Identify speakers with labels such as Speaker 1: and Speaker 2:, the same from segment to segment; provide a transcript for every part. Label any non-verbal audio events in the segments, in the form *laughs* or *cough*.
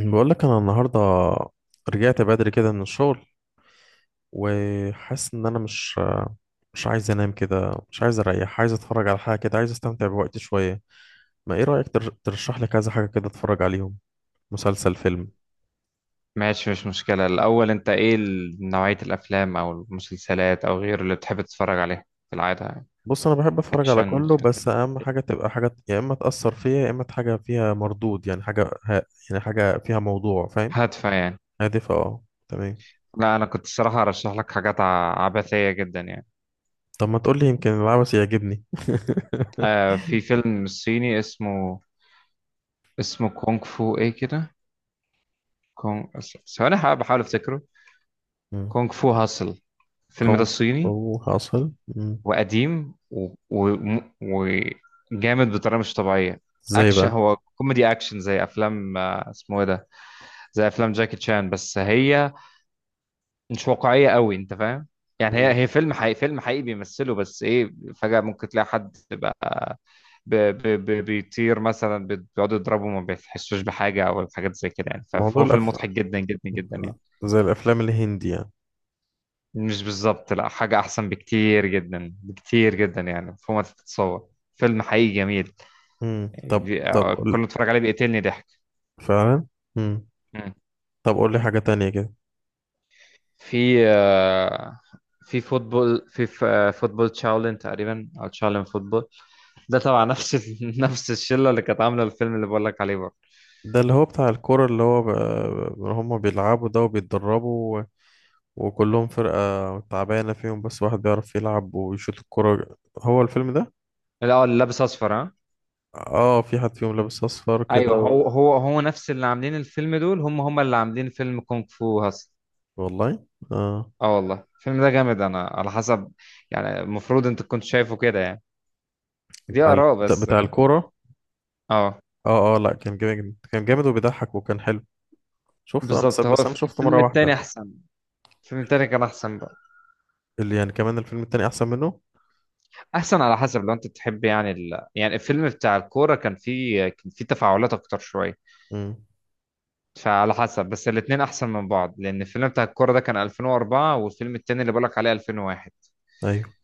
Speaker 1: بقول لك انا النهارده رجعت بدري كده من الشغل، وحاسس ان انا مش عايز انام كده، مش عايز اريح، عايز اتفرج على حاجه كده، عايز استمتع بوقتي شويه. ما ايه رايك ترشح لي كذا حاجه كده اتفرج عليهم؟ مسلسل، فيلم.
Speaker 2: ماشي، مش مشكلة. الأول أنت إيه نوعية الأفلام أو المسلسلات أو غيره اللي بتحب تتفرج عليها في العادة يعني؟
Speaker 1: بص، انا بحب اتفرج على
Speaker 2: أكشن.
Speaker 1: كله، بس اهم حاجه تبقى حاجه يا اما تاثر فيا يا اما حاجه فيها مردود، يعني يعني حاجه فيها موضوع، فاهم.
Speaker 2: هادفة يعني.
Speaker 1: هادفه، اه تمام.
Speaker 2: لا أنا كنت الصراحة أرشح لك حاجات عبثية جدا يعني.
Speaker 1: طب ما تقول لي، يمكن العبث يعجبني.
Speaker 2: آه، في فيلم صيني اسمه. اسمه كونغ فو إيه كده. كونغ ثواني، بحاول أفتكره.
Speaker 1: مم.
Speaker 2: كونغ فو هاسل، الفيلم ده
Speaker 1: كونغ
Speaker 2: الصيني.
Speaker 1: فو حاصل. مم.
Speaker 2: وقديم وجامد بطريقه مش طبيعيه.
Speaker 1: ازاي
Speaker 2: اكشن،
Speaker 1: بقى؟
Speaker 2: هو كوميدي اكشن، زي افلام، اسمه ايه ده، زي افلام جاكي تشان، بس هي مش واقعيه قوي، انت فاهم. يعني هي
Speaker 1: مم.
Speaker 2: هي فيلم حقيقي، فيلم حقيقي بيمثله، بس ايه، فجاه ممكن تلاقي حد بقى بيطير مثلا، بيقعدوا يضربوا ما بيحسوش بحاجه او الحاجات زي كده يعني.
Speaker 1: موضوع
Speaker 2: فهو فيلم مضحك جدا جدا جدا يعني.
Speaker 1: زي الافلام الهندي يعني.
Speaker 2: مش بالظبط، لا، حاجة أحسن بكتير جدا، بكتير جدا يعني، فوق ما تتصور. فيلم حقيقي جميل.
Speaker 1: امم طب طب
Speaker 2: كل
Speaker 1: قول.
Speaker 2: ما اتفرج عليه بيقتلني ضحك.
Speaker 1: فعلا. امم.
Speaker 2: مم.
Speaker 1: طب قول لي حاجة تانية كده.
Speaker 2: في، في فوتبول، في فوتبول تشاولين تقريبا، أو تشاولين فوتبول. ده طبعا نفس *laughs* نفس الشلة اللي كانت عاملة الفيلم اللي بقول لك عليه برضه.
Speaker 1: ده اللي هو بتاع الكورة، اللي هو هم بيلعبوا ده وبيتدربوا وكلهم فرقة تعبانة فيهم، بس واحد بيعرف يلعب ويشوط الكورة، هو الفيلم ده.
Speaker 2: لا، هو اللي لابس أصفر، ها.
Speaker 1: اه، في حد فيهم لابس اصفر كده
Speaker 2: أيوه، هو نفس اللي عاملين الفيلم دول، هم اللي عاملين فيلم كونغ فو هاس.
Speaker 1: والله. اه،
Speaker 2: اه والله الفيلم ده جامد، أنا على حسب يعني، المفروض أنت كنت شايفه كده يعني. دي
Speaker 1: بتاع ال...
Speaker 2: آراء
Speaker 1: بتاع
Speaker 2: بس.
Speaker 1: بتاع الكورة.
Speaker 2: اه
Speaker 1: اه اه، لا كان جامد، كان جامد وبيضحك وكان حلو. بس
Speaker 2: بالظبط. هو
Speaker 1: بس انا شفته
Speaker 2: الفيلم
Speaker 1: مرة واحدة.
Speaker 2: التاني أحسن. الفيلم التاني كان أحسن بقى.
Speaker 1: اللي يعني كمان الفيلم التاني احسن منه.
Speaker 2: أحسن على حسب، لو أنت تحب يعني يعني الفيلم بتاع الكورة، كان فيه كان فيه تفاعلات أكتر شوية.
Speaker 1: امم.
Speaker 2: فعلى حسب، بس الاتنين أحسن من بعض، لأن الفيلم بتاع الكورة ده كان 2004، والفيلم التاني اللي بقولك عليه 2001.
Speaker 1: ايوه،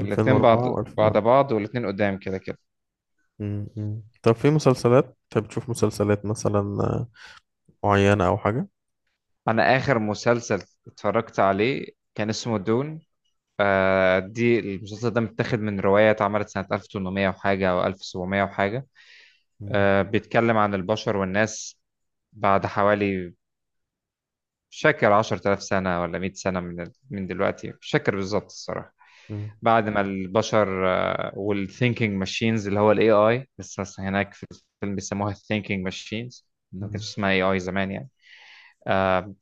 Speaker 2: الاتنين
Speaker 1: 2004
Speaker 2: بعد بعد
Speaker 1: و2001.
Speaker 2: بعض، والاتنين قدام كده كده.
Speaker 1: مم، مم. طب في مسلسلات انت بتشوف مسلسلات مثلا معينة أو حاجة؟
Speaker 2: أنا آخر مسلسل اتفرجت عليه كان اسمه دون. آه، دي المسلسل ده متاخد من رواية اتعملت سنة 1800 وحاجة، أو 1700 وحاجة.
Speaker 1: مم،
Speaker 2: بيتكلم عن البشر والناس بعد حوالي، مش فاكر، 10000 سنة ولا 100 سنة من دلوقتي، مش فاكر بالظبط الصراحة.
Speaker 1: مم،
Speaker 2: بعد ما البشر، والثينكينج ماشينز اللي هو الاي اي، لسه هناك في الفيلم بيسموها الثينكينج ماشينز، ما كانش
Speaker 1: مم.
Speaker 2: اسمها اي اي زمان يعني. آه،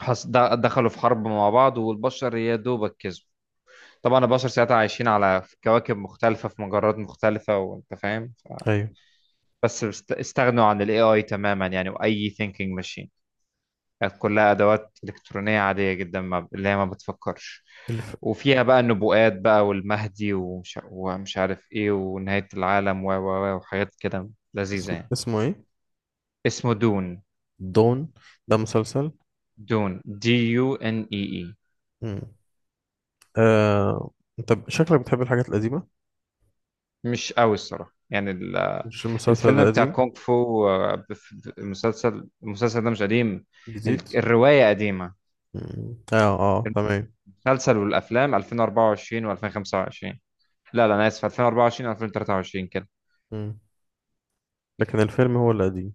Speaker 2: دخلوا في حرب مع بعض، والبشر يا دوبك كسبوا. طبعا البشر ساعتها عايشين على كواكب مختلفة في مجرات مختلفة، وانت فاهم.
Speaker 1: أيوة.
Speaker 2: استغنوا عن الاي اي تماما يعني، واي ثينكينج ماشين كانت كلها أدوات إلكترونية عادية جدا، ما اللي هي ما بتفكرش.
Speaker 1: الف...
Speaker 2: وفيها بقى النبوءات بقى، والمهدي، ومش عارف إيه، ونهاية العالم، و و و وحاجات كده لذيذة يعني.
Speaker 1: اسمه إيه؟
Speaker 2: اسمه دون.
Speaker 1: دون، ده مسلسل؟
Speaker 2: دون، دي يو ان اي اي.
Speaker 1: مم. آه... أنت شكلك بتحب الحاجات القديمة؟
Speaker 2: مش قوي الصراحة يعني.
Speaker 1: مش المسلسل
Speaker 2: الفيلم
Speaker 1: ده
Speaker 2: بتاع
Speaker 1: قديم؟
Speaker 2: كونغ فو، المسلسل، المسلسل ده مش قديم.
Speaker 1: جديد.
Speaker 2: الرواية قديمة.
Speaker 1: مم. آه آه، تمام.
Speaker 2: المسلسل والأفلام 2024 و2025. لا لا، أنا آسف، 2024 و2023 كده.
Speaker 1: مم. لكن الفيلم هو القديم.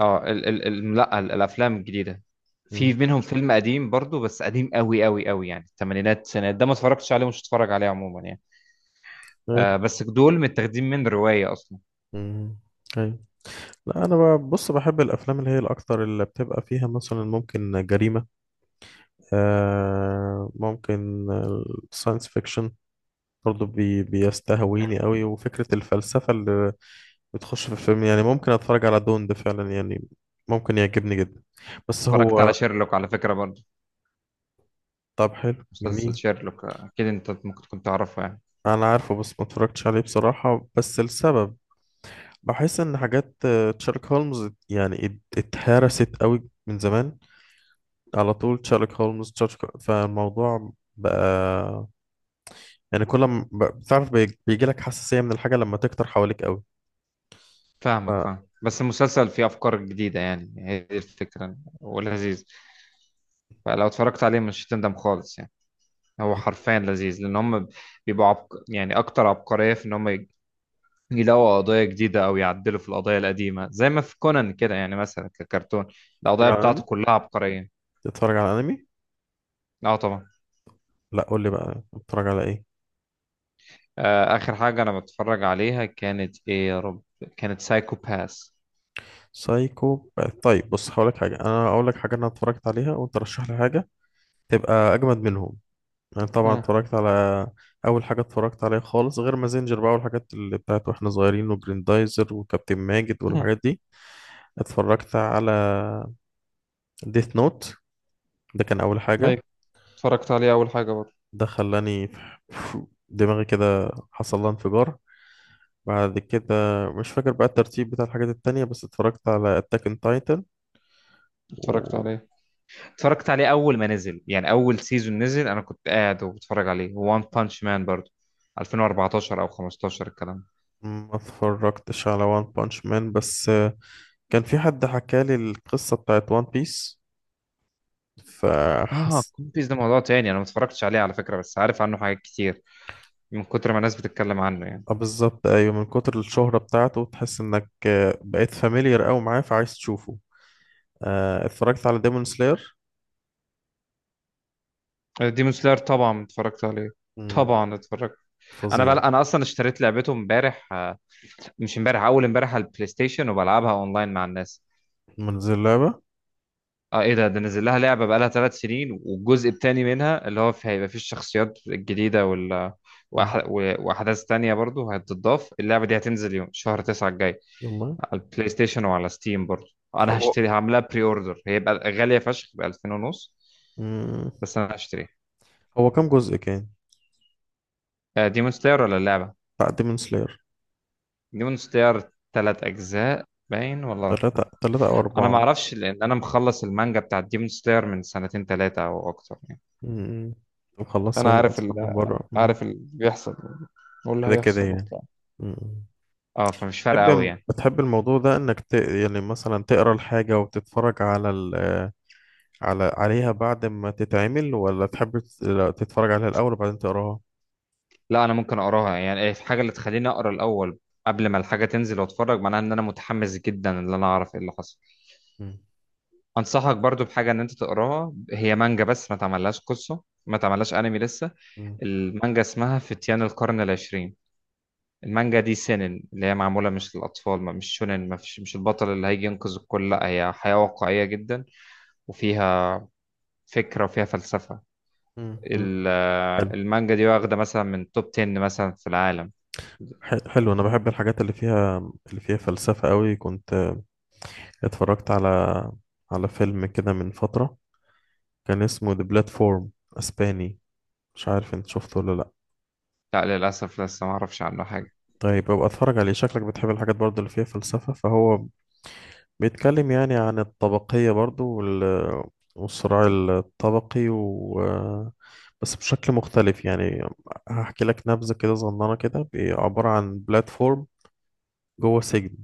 Speaker 2: اه ال ال ال لا ال- الافلام الجديده في
Speaker 1: مم.
Speaker 2: منهم فيلم قديم برضو، بس قديم قوي قوي قوي يعني، الثمانينات السنة ده، ما اتفرجتش عليه ومش هتفرج عليه عموما يعني.
Speaker 1: أيوة.
Speaker 2: آه، بس دول متاخدين من روايه اصلا.
Speaker 1: مم. أيوة. لا أنا بقى- بص، بحب الأفلام اللي هي الأكتر اللي بتبقى فيها مثلا ممكن جريمة، ممكن الساينس فيكشن برضو بيستهويني
Speaker 2: حلو.
Speaker 1: قوي، وفكرة الفلسفة اللي بتخش في الفيلم، يعني ممكن اتفرج على دون ده فعلا يعني، ممكن يعجبني جدا. بس
Speaker 2: اتفرجت على
Speaker 1: هو.
Speaker 2: شيرلوك على فكره برضو.
Speaker 1: طب حلو،
Speaker 2: مسلسل
Speaker 1: جميل.
Speaker 2: شيرلوك، آه، اكيد انت ممكن تكون تعرفه يعني.
Speaker 1: انا عارفه بس ما اتفرجتش عليه بصراحة، بس السبب بحس ان حاجات تشارلوك هولمز يعني اتهرست قوي من زمان، على طول تشارلوك هولمز، تشارلوك، فالموضوع بقى، يعني كل ما بتعرف بيجي لك حساسية من الحاجة لما تكتر حواليك قوي.
Speaker 2: فاهمك،
Speaker 1: ف-
Speaker 2: فاهم. بس المسلسل فيه افكار جديده يعني، هي دي الفكره، ولذيذ. فلو اتفرجت عليه مش هتندم خالص يعني. هو حرفيا لذيذ، لان هم بيبقوا يعني اكتر عبقريه في ان هم يلاقوا قضايا جديدة أو يعدلوا في القضايا القديمة، زي ما في كونان كده يعني، مثلا ككرتون
Speaker 1: بتتفرج
Speaker 2: القضايا
Speaker 1: على
Speaker 2: بتاعته
Speaker 1: انمي
Speaker 2: كلها عبقرية.
Speaker 1: بتتفرج على انمي
Speaker 2: اه طبعا.
Speaker 1: لا، قول لي بقى بتتفرج على ايه.
Speaker 2: آه، آخر حاجة أنا بتفرج عليها كانت إيه، يا رب؟ كانت سايكو باس.
Speaker 1: سايكو. طيب بص، هقول لك حاجه انا اتفرجت عليها، وانت رشح لي حاجه تبقى اجمد منهم. انا طبعا
Speaker 2: مم.
Speaker 1: اتفرجت على اول حاجه اتفرجت عليها خالص، غير مازنجر بقى والحاجات اللي بتاعت واحنا صغيرين، وجريندايزر وكابتن ماجد
Speaker 2: مم.
Speaker 1: والحاجات دي. اتفرجت على ديث نوت، ده كان اول حاجه،
Speaker 2: ايوه، اتفرجت عليه اول حاجه برضه.
Speaker 1: ده خلاني *laughs* دماغي كده حصل لها انفجار. بعد كده مش فاكر بقى الترتيب بتاع الحاجات التانية، بس اتفرجت على أتاك اون تايتن،
Speaker 2: اتفرجت
Speaker 1: وما
Speaker 2: عليه، اتفرجت عليه أول ما نزل، يعني أول سيزون نزل أنا كنت قاعد وبتفرج عليه، وان بانش مان برضه، 2014 أو 15 الكلام ده.
Speaker 1: اتفرجتش على وان بانش مان. بس كان في حد حكالي القصة بتاعت وان بيس،
Speaker 2: اه
Speaker 1: فحس.
Speaker 2: كون بيس ده موضوع تاني، أنا ما اتفرجتش عليه على فكرة، بس عارف عنه حاجات كتير من كتر ما الناس بتتكلم عنه يعني.
Speaker 1: اه بالظبط، أيوة، من كتر الشهرة بتاعته تحس إنك بقيت فاميليار أوي معاه، فعايز تشوفه. اه، اتفرجت على ديمون سلاير،
Speaker 2: ديمون سلاير طبعا اتفرجت عليه، طبعا اتفرجت.
Speaker 1: فظيع.
Speaker 2: انا اصلا اشتريت لعبته امبارح، آه، مش امبارح، اول امبارح، على البلاي ستيشن، وبلعبها اونلاين مع الناس.
Speaker 1: من زي اللعبة؟
Speaker 2: اه ايه ده، ده نزل لها لعبه بقالها ثلاث سنين، والجزء الثاني منها اللي هو في، هيبقى فيه الشخصيات الجديده وال،
Speaker 1: مم.
Speaker 2: واحداث تانية برضو هتتضاف، اللعبه دي هتنزل يوم شهر 9 الجاي،
Speaker 1: والله.
Speaker 2: على البلاي ستيشن وعلى ستيم برضو. انا
Speaker 1: هو.
Speaker 2: هشتري، هعملها بري اوردر، هيبقى غاليه فشخ ب 2000 ونص،
Speaker 1: مم.
Speaker 2: بس انا هشتريها.
Speaker 1: هو كام جزء كان؟
Speaker 2: آه، ديمون سلاير ولا اللعبه؟
Speaker 1: بتاع ديمون سلاير.
Speaker 2: ديمون ستير تلات أجزاء باين، ولا؟
Speaker 1: تلاتة، تلاتة أو
Speaker 2: أنا ما
Speaker 1: أربعة.
Speaker 2: أعرفش، لأن أنا مخلص المانجا بتاعت ديمون ستير من سنتين تلاتة أو أكتر يعني.
Speaker 1: امم. مخلصها
Speaker 2: انا
Speaker 1: هي
Speaker 2: عارف
Speaker 1: اصلا من بره. مم.
Speaker 2: عارف اللي بيحصل واللي
Speaker 1: كده كده
Speaker 2: هيحصل
Speaker 1: يعني.
Speaker 2: وبتاع.
Speaker 1: امم.
Speaker 2: أه فمش فارقة أوي
Speaker 1: بتحب
Speaker 2: يعني.
Speaker 1: بتحب الموضوع ده انك يعني مثلا تقرا الحاجه وتتفرج على عليها بعد ما تتعمل، ولا تحب لا، تتفرج عليها الاول وبعدين تقراها؟
Speaker 2: لا، أنا ممكن أقراها يعني. إيه في حاجة اللي تخليني أقرأ الأول قبل ما الحاجة تنزل وأتفرج، معناها إن أنا متحمس جدا إن أنا أعرف إيه اللي حصل.
Speaker 1: مم.
Speaker 2: انصحك برضو بحاجه، ان انت تقراها، هي مانجا بس ما تعملهاش قصه، ما تعملهاش انمي لسه.
Speaker 1: مم.
Speaker 2: المانجا اسمها فتيان القرن العشرين. المانجا دي سينن، اللي هي معمولة مش للأطفال، ما مش شونن، ما فيش مش البطل اللي هيجي ينقذ الكل، لا هي حياة واقعية جدا. وفيها فكرة وفيها فلسفة.
Speaker 1: مم. مم.
Speaker 2: ال-
Speaker 1: حلو.
Speaker 2: المانجا دي واخدة مثلا من توب 10 مثلا في العالم.
Speaker 1: حلو، انا بحب الحاجات اللي فيها فلسفه قوي. كنت اتفرجت على فيلم كده من فتره، كان اسمه The Platform، اسباني. مش عارف انت شفته ولا لا.
Speaker 2: لا للأسف لسه ما أعرفش عنه حاجة.
Speaker 1: طيب ابقى اتفرج عليه، شكلك بتحب الحاجات برضه اللي فيها فلسفة. فهو بيتكلم يعني عن الطبقية برضه والصراع الطبقي، و بس بشكل مختلف يعني. هحكي لك نبذة كده صغننة كده، عبارة عن بلاتفورم جوه سجن.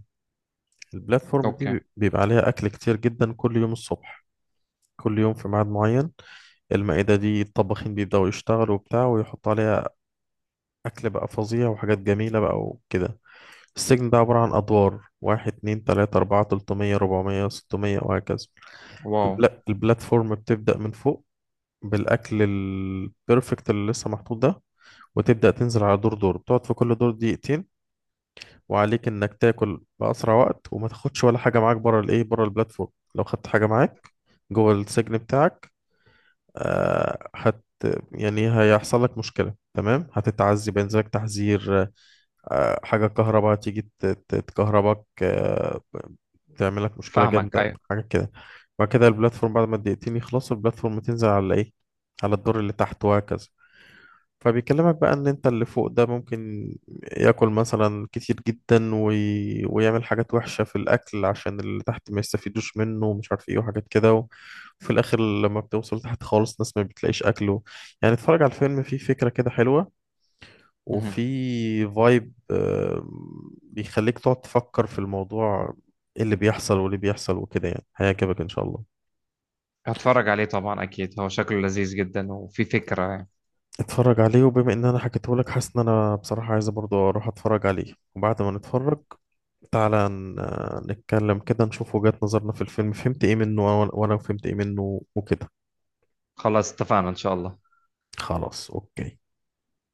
Speaker 1: البلاتفورم دي
Speaker 2: أوكي.
Speaker 1: بيبقى عليها أكل كتير جدا كل يوم الصبح، كل يوم في ميعاد معين. المائدة دي الطباخين بيبدأوا يشتغلوا وبتاع ويحطوا عليها أكل بقى فظيع وحاجات جميلة بقى وكده. السجن ده عبارة عن أدوار: واحد، اتنين، تلاتة، أربعة، تلتمية، ربعمية، ستمية، وهكذا.
Speaker 2: واو.
Speaker 1: البلاتفورم بتبدأ من فوق بالأكل البرفكت اللي لسه محطوط ده، وتبدأ تنزل على دور دور، بتقعد في كل دور دقيقتين، وعليك إنك تاكل بأسرع وقت وما تاخدش ولا حاجة معاك بره الإيه، بره البلاتفورم. لو خدت حاجة معاك جوه السجن بتاعك، آه هت يعني هيحصل لك مشكلة، تمام، هتتعذب، ينزلك تحذير، حاجة كهرباء تيجي تكهربك، تعملك مشكلة
Speaker 2: فاهمك،
Speaker 1: جامدة،
Speaker 2: أيوة.
Speaker 1: حاجة كده. بعد كده البلاتفورم، بعد ما الدقيقتين يخلصوا البلاتفورم تنزل على ايه؟ على الدور اللي تحت، وهكذا. فبيكلمك بقى ان انت اللي فوق ده ممكن ياكل مثلا كتير جدا، ويعمل حاجات وحشة في الاكل عشان اللي تحت ما يستفيدوش منه، ومش عارف ايه وحاجات كده وفي الاخر لما بتوصل تحت خالص ناس ما بتلاقيش اكله. يعني اتفرج على الفيلم، فيه فكرة كده حلوة
Speaker 2: مهم.
Speaker 1: وفي فايب بيخليك تقعد تفكر في الموضوع، ايه اللي بيحصل واللي بيحصل وكده، يعني هيعجبك ان شاء الله.
Speaker 2: هتفرج عليه طبعا، أكيد هو شكله لذيذ جدا وفي فكرة يعني.
Speaker 1: اتفرج عليه، وبما ان انا حكيته لك حاسس ان انا بصراحة عايز برضو اروح اتفرج عليه. وبعد ما نتفرج تعالى نتكلم كده، نشوف وجهات نظرنا في الفيلم، فهمت ايه منه، وأنا فهمت ايه منه وكده.
Speaker 2: خلاص اتفقنا إن شاء الله.
Speaker 1: خلاص اوكي.